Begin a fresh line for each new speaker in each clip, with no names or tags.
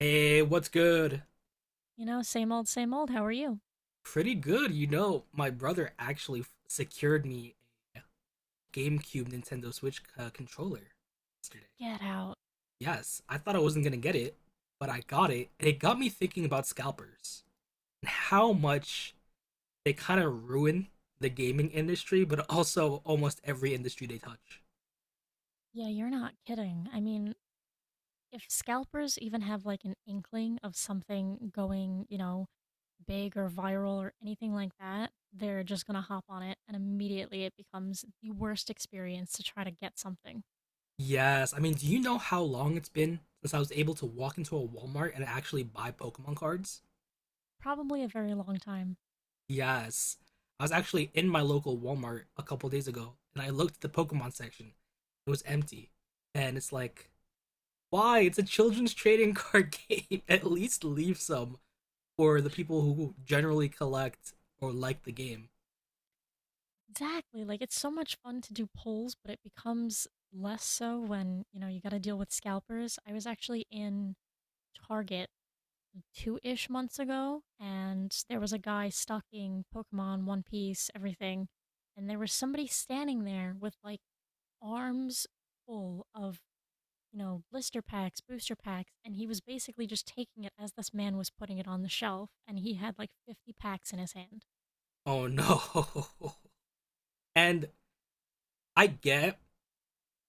Hey, what's good?
You know, same old, same old. How are you?
Pretty good, you know. My brother actually secured me a GameCube Nintendo Switch controller yesterday.
Get out.
Yes, I thought I wasn't gonna get it, but I got it, and it got me thinking about scalpers and how much they kind of ruin the gaming industry, but also almost every industry they touch.
Yeah, you're not kidding. I mean, if scalpers even have like an inkling of something going, big or viral or anything like that, they're just going to hop on it and immediately it becomes the worst experience to try to get something.
Yes, I mean, do you know how long it's been since I was able to walk into a Walmart and actually buy Pokemon cards?
Probably a very long time.
Yes. I was actually in my local Walmart a couple days ago and I looked at the Pokemon section. It was empty. And it's like, why? It's a children's trading card game. At least leave some for the people who generally collect or like the game.
Exactly. Like it's so much fun to do polls, but it becomes less so when, you got to deal with scalpers. I was actually in Target two ish months ago, and there was a guy stocking Pokemon, One Piece, everything, and there was somebody standing there with like arms full of blister packs, booster packs, and he was basically just taking it as this man was putting it on the shelf, and he had like 50 packs in his hand.
Oh no. And I get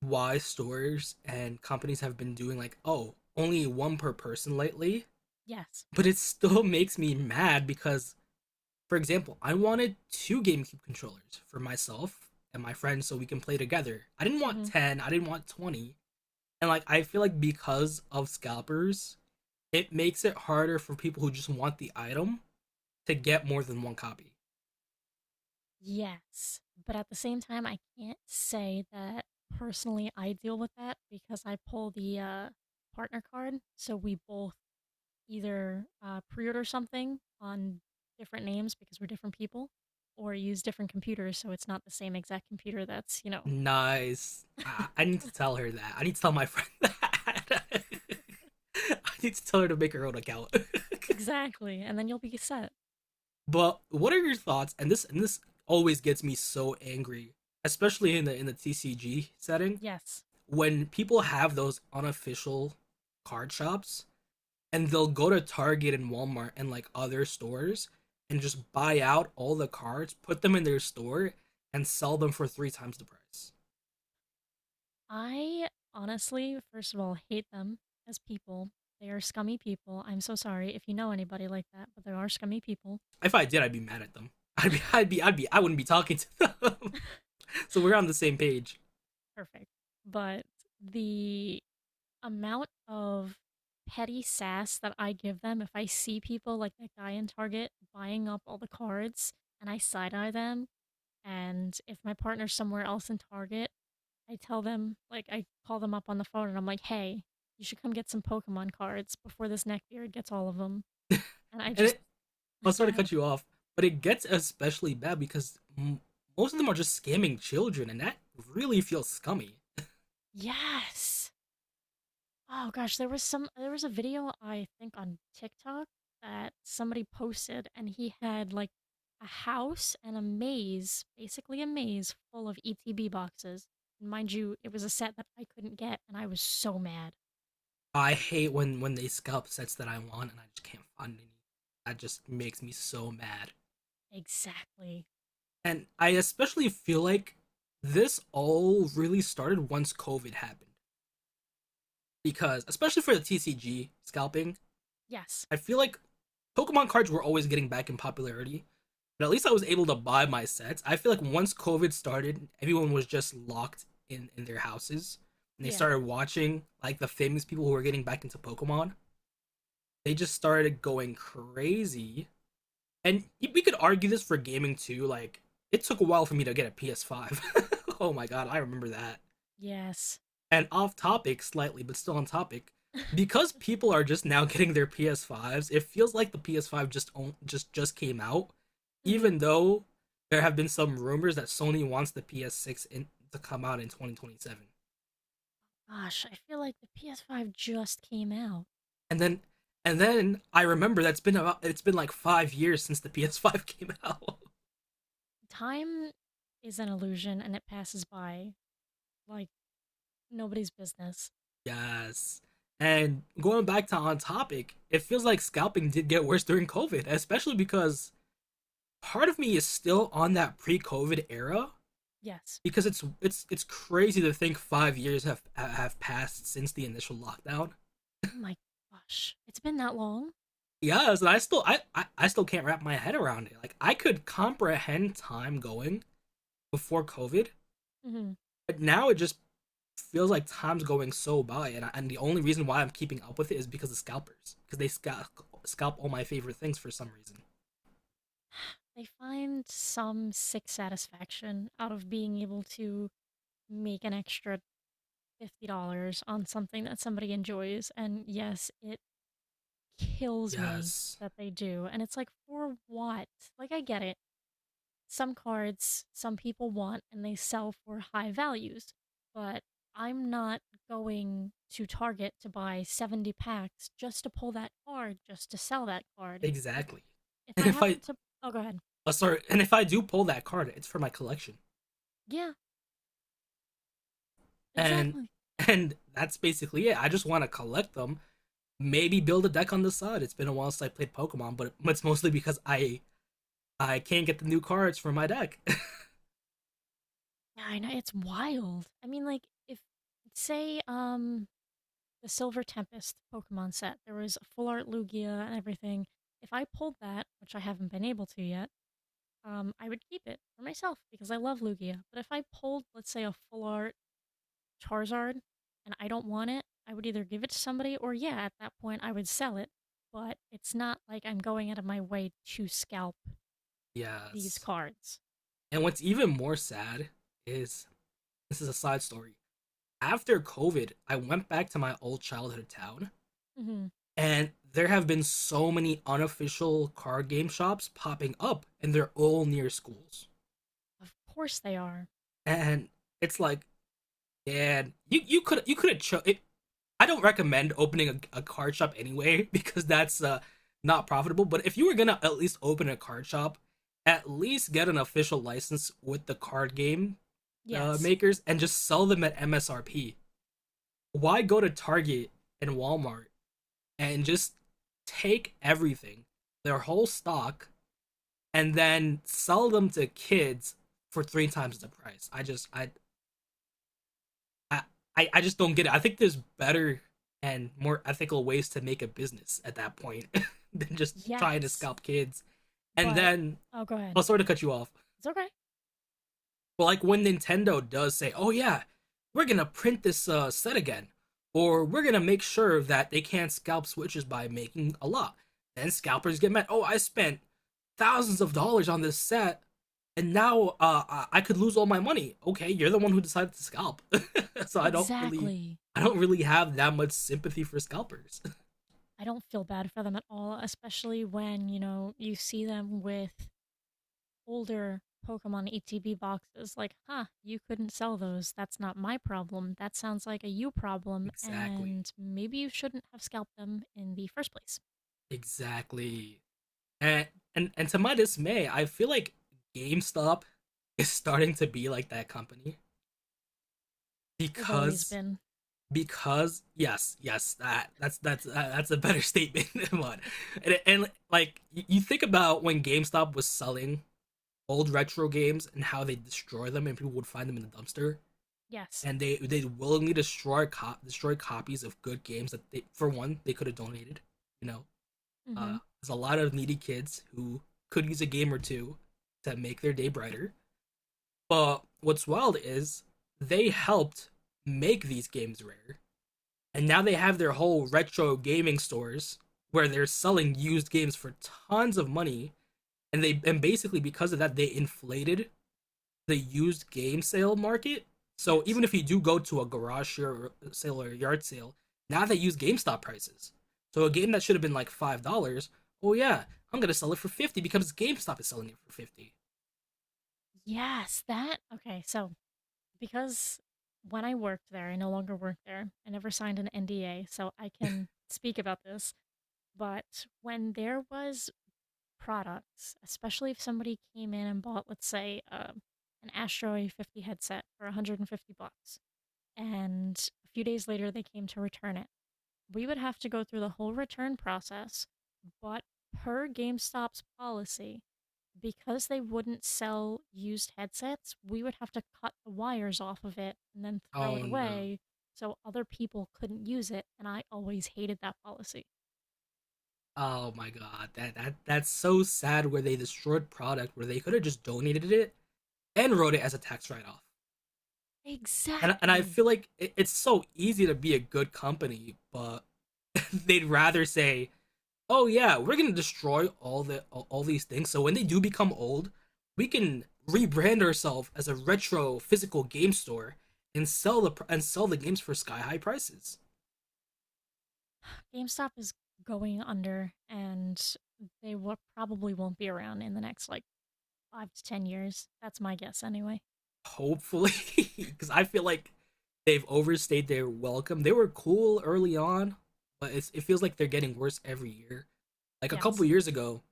why stores and companies have been doing like, oh, only one per person lately,
Yes.
but it still makes me mad because for example, I wanted two GameCube controllers for myself and my friends so we can play together. I didn't want
hmm
10, I didn't want 20. And like I feel like because of scalpers, it makes it harder for people who just want the item to get more than one copy.
Yes. But at the same time, I can't say that personally I deal with that because I pull the partner card, so we both either pre-order something on different names because we're different people, or use different computers so it's not the same exact computer that's.
Nice. I, I need to tell her that. I need to tell my friend that. I need to tell her to make her own account.
Exactly. And then you'll be set.
But what are your thoughts? And this always gets me so angry, especially in the TCG setting
Yes.
when people have those unofficial card shops, and they'll go to Target and Walmart and like other stores and just buy out all the cards, put them in their store, and sell them for three times the price.
I honestly, first of all, hate them as people. They are scummy people. I'm so sorry if you know anybody like that, but they are scummy people.
If I did, I'd be mad at them. I wouldn't be talking to them. So we're on the same page.
Perfect. But the amount of petty sass that I give them if I see people like that guy in Target buying up all the cards and I side eye them, and if my partner's somewhere else in Target, I tell them, like, I call them up on the phone and I'm like, hey, you should come get some Pokemon cards before this neckbeard gets all of them. And I
and
just,
it, I'll
go
sort of
ahead.
cut you off, but it gets especially bad because most of them are just scamming children, and that really feels scummy.
Yes. Oh gosh, there was a video I think on TikTok that somebody posted and he had like a house and a maze, basically a maze full of ETB boxes. And mind you, it was a set that I couldn't get and I was so mad.
I hate when they scalp sets that I want and I just can't find any. That just makes me so mad.
Exactly.
And I especially feel like this all really started once COVID happened because, especially for the TCG scalping,
Yes.
I feel like Pokemon cards were always getting back in popularity. But at least I was able to buy my sets. I feel like once COVID started, everyone was just locked in their houses and they
Yeah.
started watching like the famous people who were getting back into Pokemon. They just started going crazy, and we could argue this for gaming too. Like, it took a while for me to get a PS5. Oh my god, I remember that.
Yes.
And off topic slightly, but still on topic, because people are just now getting their PS5s, it feels like the PS5 just came out,
hmm
even though there have been some rumors that Sony wants the PS6 in, to come out in 2027.
Gosh, I feel like the PS5 just came out.
And then and then I remember that's been about it's been like 5 years since the PS5 came out.
Time is an illusion and it passes by like nobody's business.
Yes. And going back to on topic, it feels like scalping did get worse during COVID, especially because part of me is still on that pre-COVID era
Yes.
because it's crazy to think 5 years have passed since the initial lockdown.
Oh my gosh. It's been that long?
Yes, and I still can't wrap my head around it. Like I could comprehend time going before COVID,
Mhm.
but now it just feels like time's going so by, and I, and the only reason why I'm keeping up with it is because of scalpers, because they scalp all my favorite things for some reason.
They find some sick satisfaction out of being able to make an extra $50 on something that somebody enjoys. And yes, it kills me
Yes,
that they do. And it's like, for what? Like, I get it. Some cards some people want and they sell for high values, but I'm not going to Target to buy 70 packs just to pull that card, just to sell that card. If
exactly.
If
And
I
if I
happen to— oh, go ahead.
sorry, and if I do pull that card, it's for my collection,
Yeah,
and
exactly.
that's basically it. I just want to collect them, maybe build a deck on the side. It's been a while since I played Pokemon, but it's mostly because I can't get the new cards for my deck.
Yeah, I know it's wild. I mean, like if say the Silver Tempest Pokemon set, there was a full art Lugia and everything. If I pulled that, which I haven't been able to yet, I would keep it for myself because I love Lugia. But if I pulled, let's say, a full art Charizard and I don't want it, I would either give it to somebody or yeah, at that point I would sell it. But it's not like I'm going out of my way to scalp these
Yes,
cards.
and what's even more sad is this is a side story. After COVID, I went back to my old childhood town,
Hmm
and there have been so many unofficial card game shops popping up, and they're all near schools.
Of course they are.
And it's like, man, you you could have cho- it. I don't recommend opening a card shop anyway because that's not profitable. But if you were gonna at least open a card shop, at least get an official license with the card game
Yes.
makers and just sell them at MSRP. Why go to Target and Walmart and just take everything, their whole stock, and then sell them to kids for three times the price. I I just don't get it. I think there's better and more ethical ways to make a business at that point than just trying to
Yes.
scalp kids. And
But—
then
oh, go ahead.
I'll sort of cut you off.
It's okay.
But like when Nintendo does say, "Oh yeah, we're gonna print this set again," or "We're gonna make sure that they can't scalp Switches by making a lot," then scalpers get mad. Oh, I spent thousands of dollars on this set, and now I could lose all my money. Okay, you're the one who decided to scalp, so
Exactly.
I don't really have that much sympathy for scalpers.
I don't feel bad for them at all, especially when, you see them with older Pokemon ETB boxes. Like, huh, you couldn't sell those. That's not my problem. That sounds like a you problem,
Exactly,
and maybe you shouldn't have scalped them in the first place.
exactly. And and to my dismay, I feel like GameStop is starting to be like that company
They've always
because
been.
that's a better statement than one. And like you think about when GameStop was selling old retro games and how they destroy them and people would find them in the dumpster
Yes.
and they willingly destroy destroy copies of good games that they, for one, they could have donated, you know.
Mhm.
There's a lot of needy kids who could use a game or two to make their day brighter. But what's wild is they helped make these games rare, and now they have their whole retro gaming stores where they're selling used games for tons of money, and they and basically because of that they inflated the used game sale market. So even
Yes.
if you do go to a garage sale or a yard sale, now they use GameStop prices. So a game that should have been like $5, oh yeah, I'm gonna sell it for 50 because GameStop is selling it for 50.
Yes, that— okay, so because when I worked there, I no longer work there. I never signed an NDA, so I can speak about this. But when there was products, especially if somebody came in and bought, let's say, an Astro A50 headset for 150 bucks, and a few days later they came to return it, we would have to go through the whole return process. But per GameStop's policy, because they wouldn't sell used headsets, we would have to cut the wires off of it and then throw it
Oh no.
away so other people couldn't use it. And I always hated that policy.
Oh my god, that's so sad where they destroyed product where they could have just donated it and wrote it as a tax write off. And I
Exactly.
feel like it's so easy to be a good company, but they'd rather say, oh yeah, we're gonna destroy all these things. So when they do become old, we can rebrand ourselves as a retro physical game store and sell the games for sky high prices.
GameStop is going under and they will, probably won't be around in the next like five to 10 years. That's my guess anyway.
Hopefully, because I feel like they've overstayed their welcome. They were cool early on, but it feels like they're getting worse every year. Like a couple
Yes,
years ago,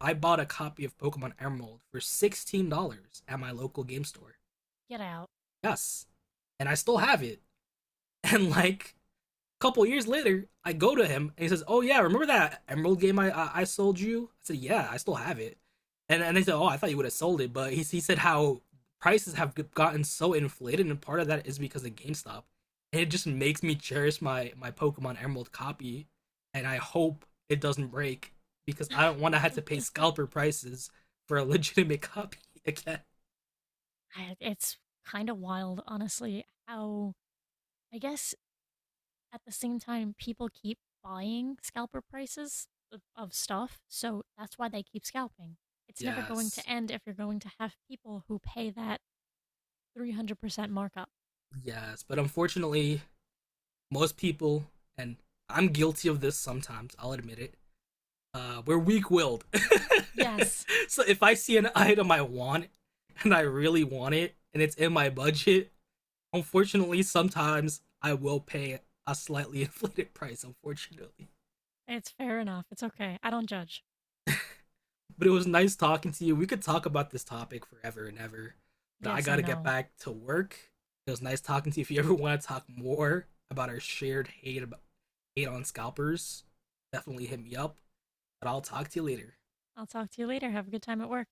I bought a copy of Pokemon Emerald for $16 at my local game store.
get out.
Yes, and I still have it. And like couple years later, I go to him and he says, "Oh yeah, remember that Emerald game I sold you?" I said, "Yeah, I still have it." And they said, "Oh, I thought you would have sold it," but he said how prices have gotten so inflated, and part of that is because of GameStop. And it just makes me cherish my Pokemon Emerald copy, and I hope it doesn't break because I don't want to have to pay scalper prices for a legitimate copy again.
It's kind of wild, honestly, how I guess at the same time, people keep buying scalper prices of stuff, so that's why they keep scalping. It's never going to
Yes,
end if you're going to have people who pay that 300% markup.
yes, but unfortunately, most people, and I'm guilty of this sometimes, I'll admit it, we're weak willed.
Yes,
So if I see an item I want and I really want it and it's in my budget, unfortunately, sometimes I will pay a slightly inflated price, unfortunately.
it's fair enough. It's okay. I don't judge.
But it was nice talking to you. We could talk about this topic forever and ever, but I
Yes,
got
I
to get
know.
back to work. It was nice talking to you. If you ever want to talk more about our shared hate on scalpers, definitely hit me up. But I'll talk to you later.
I'll talk to you later. Have a good time at work.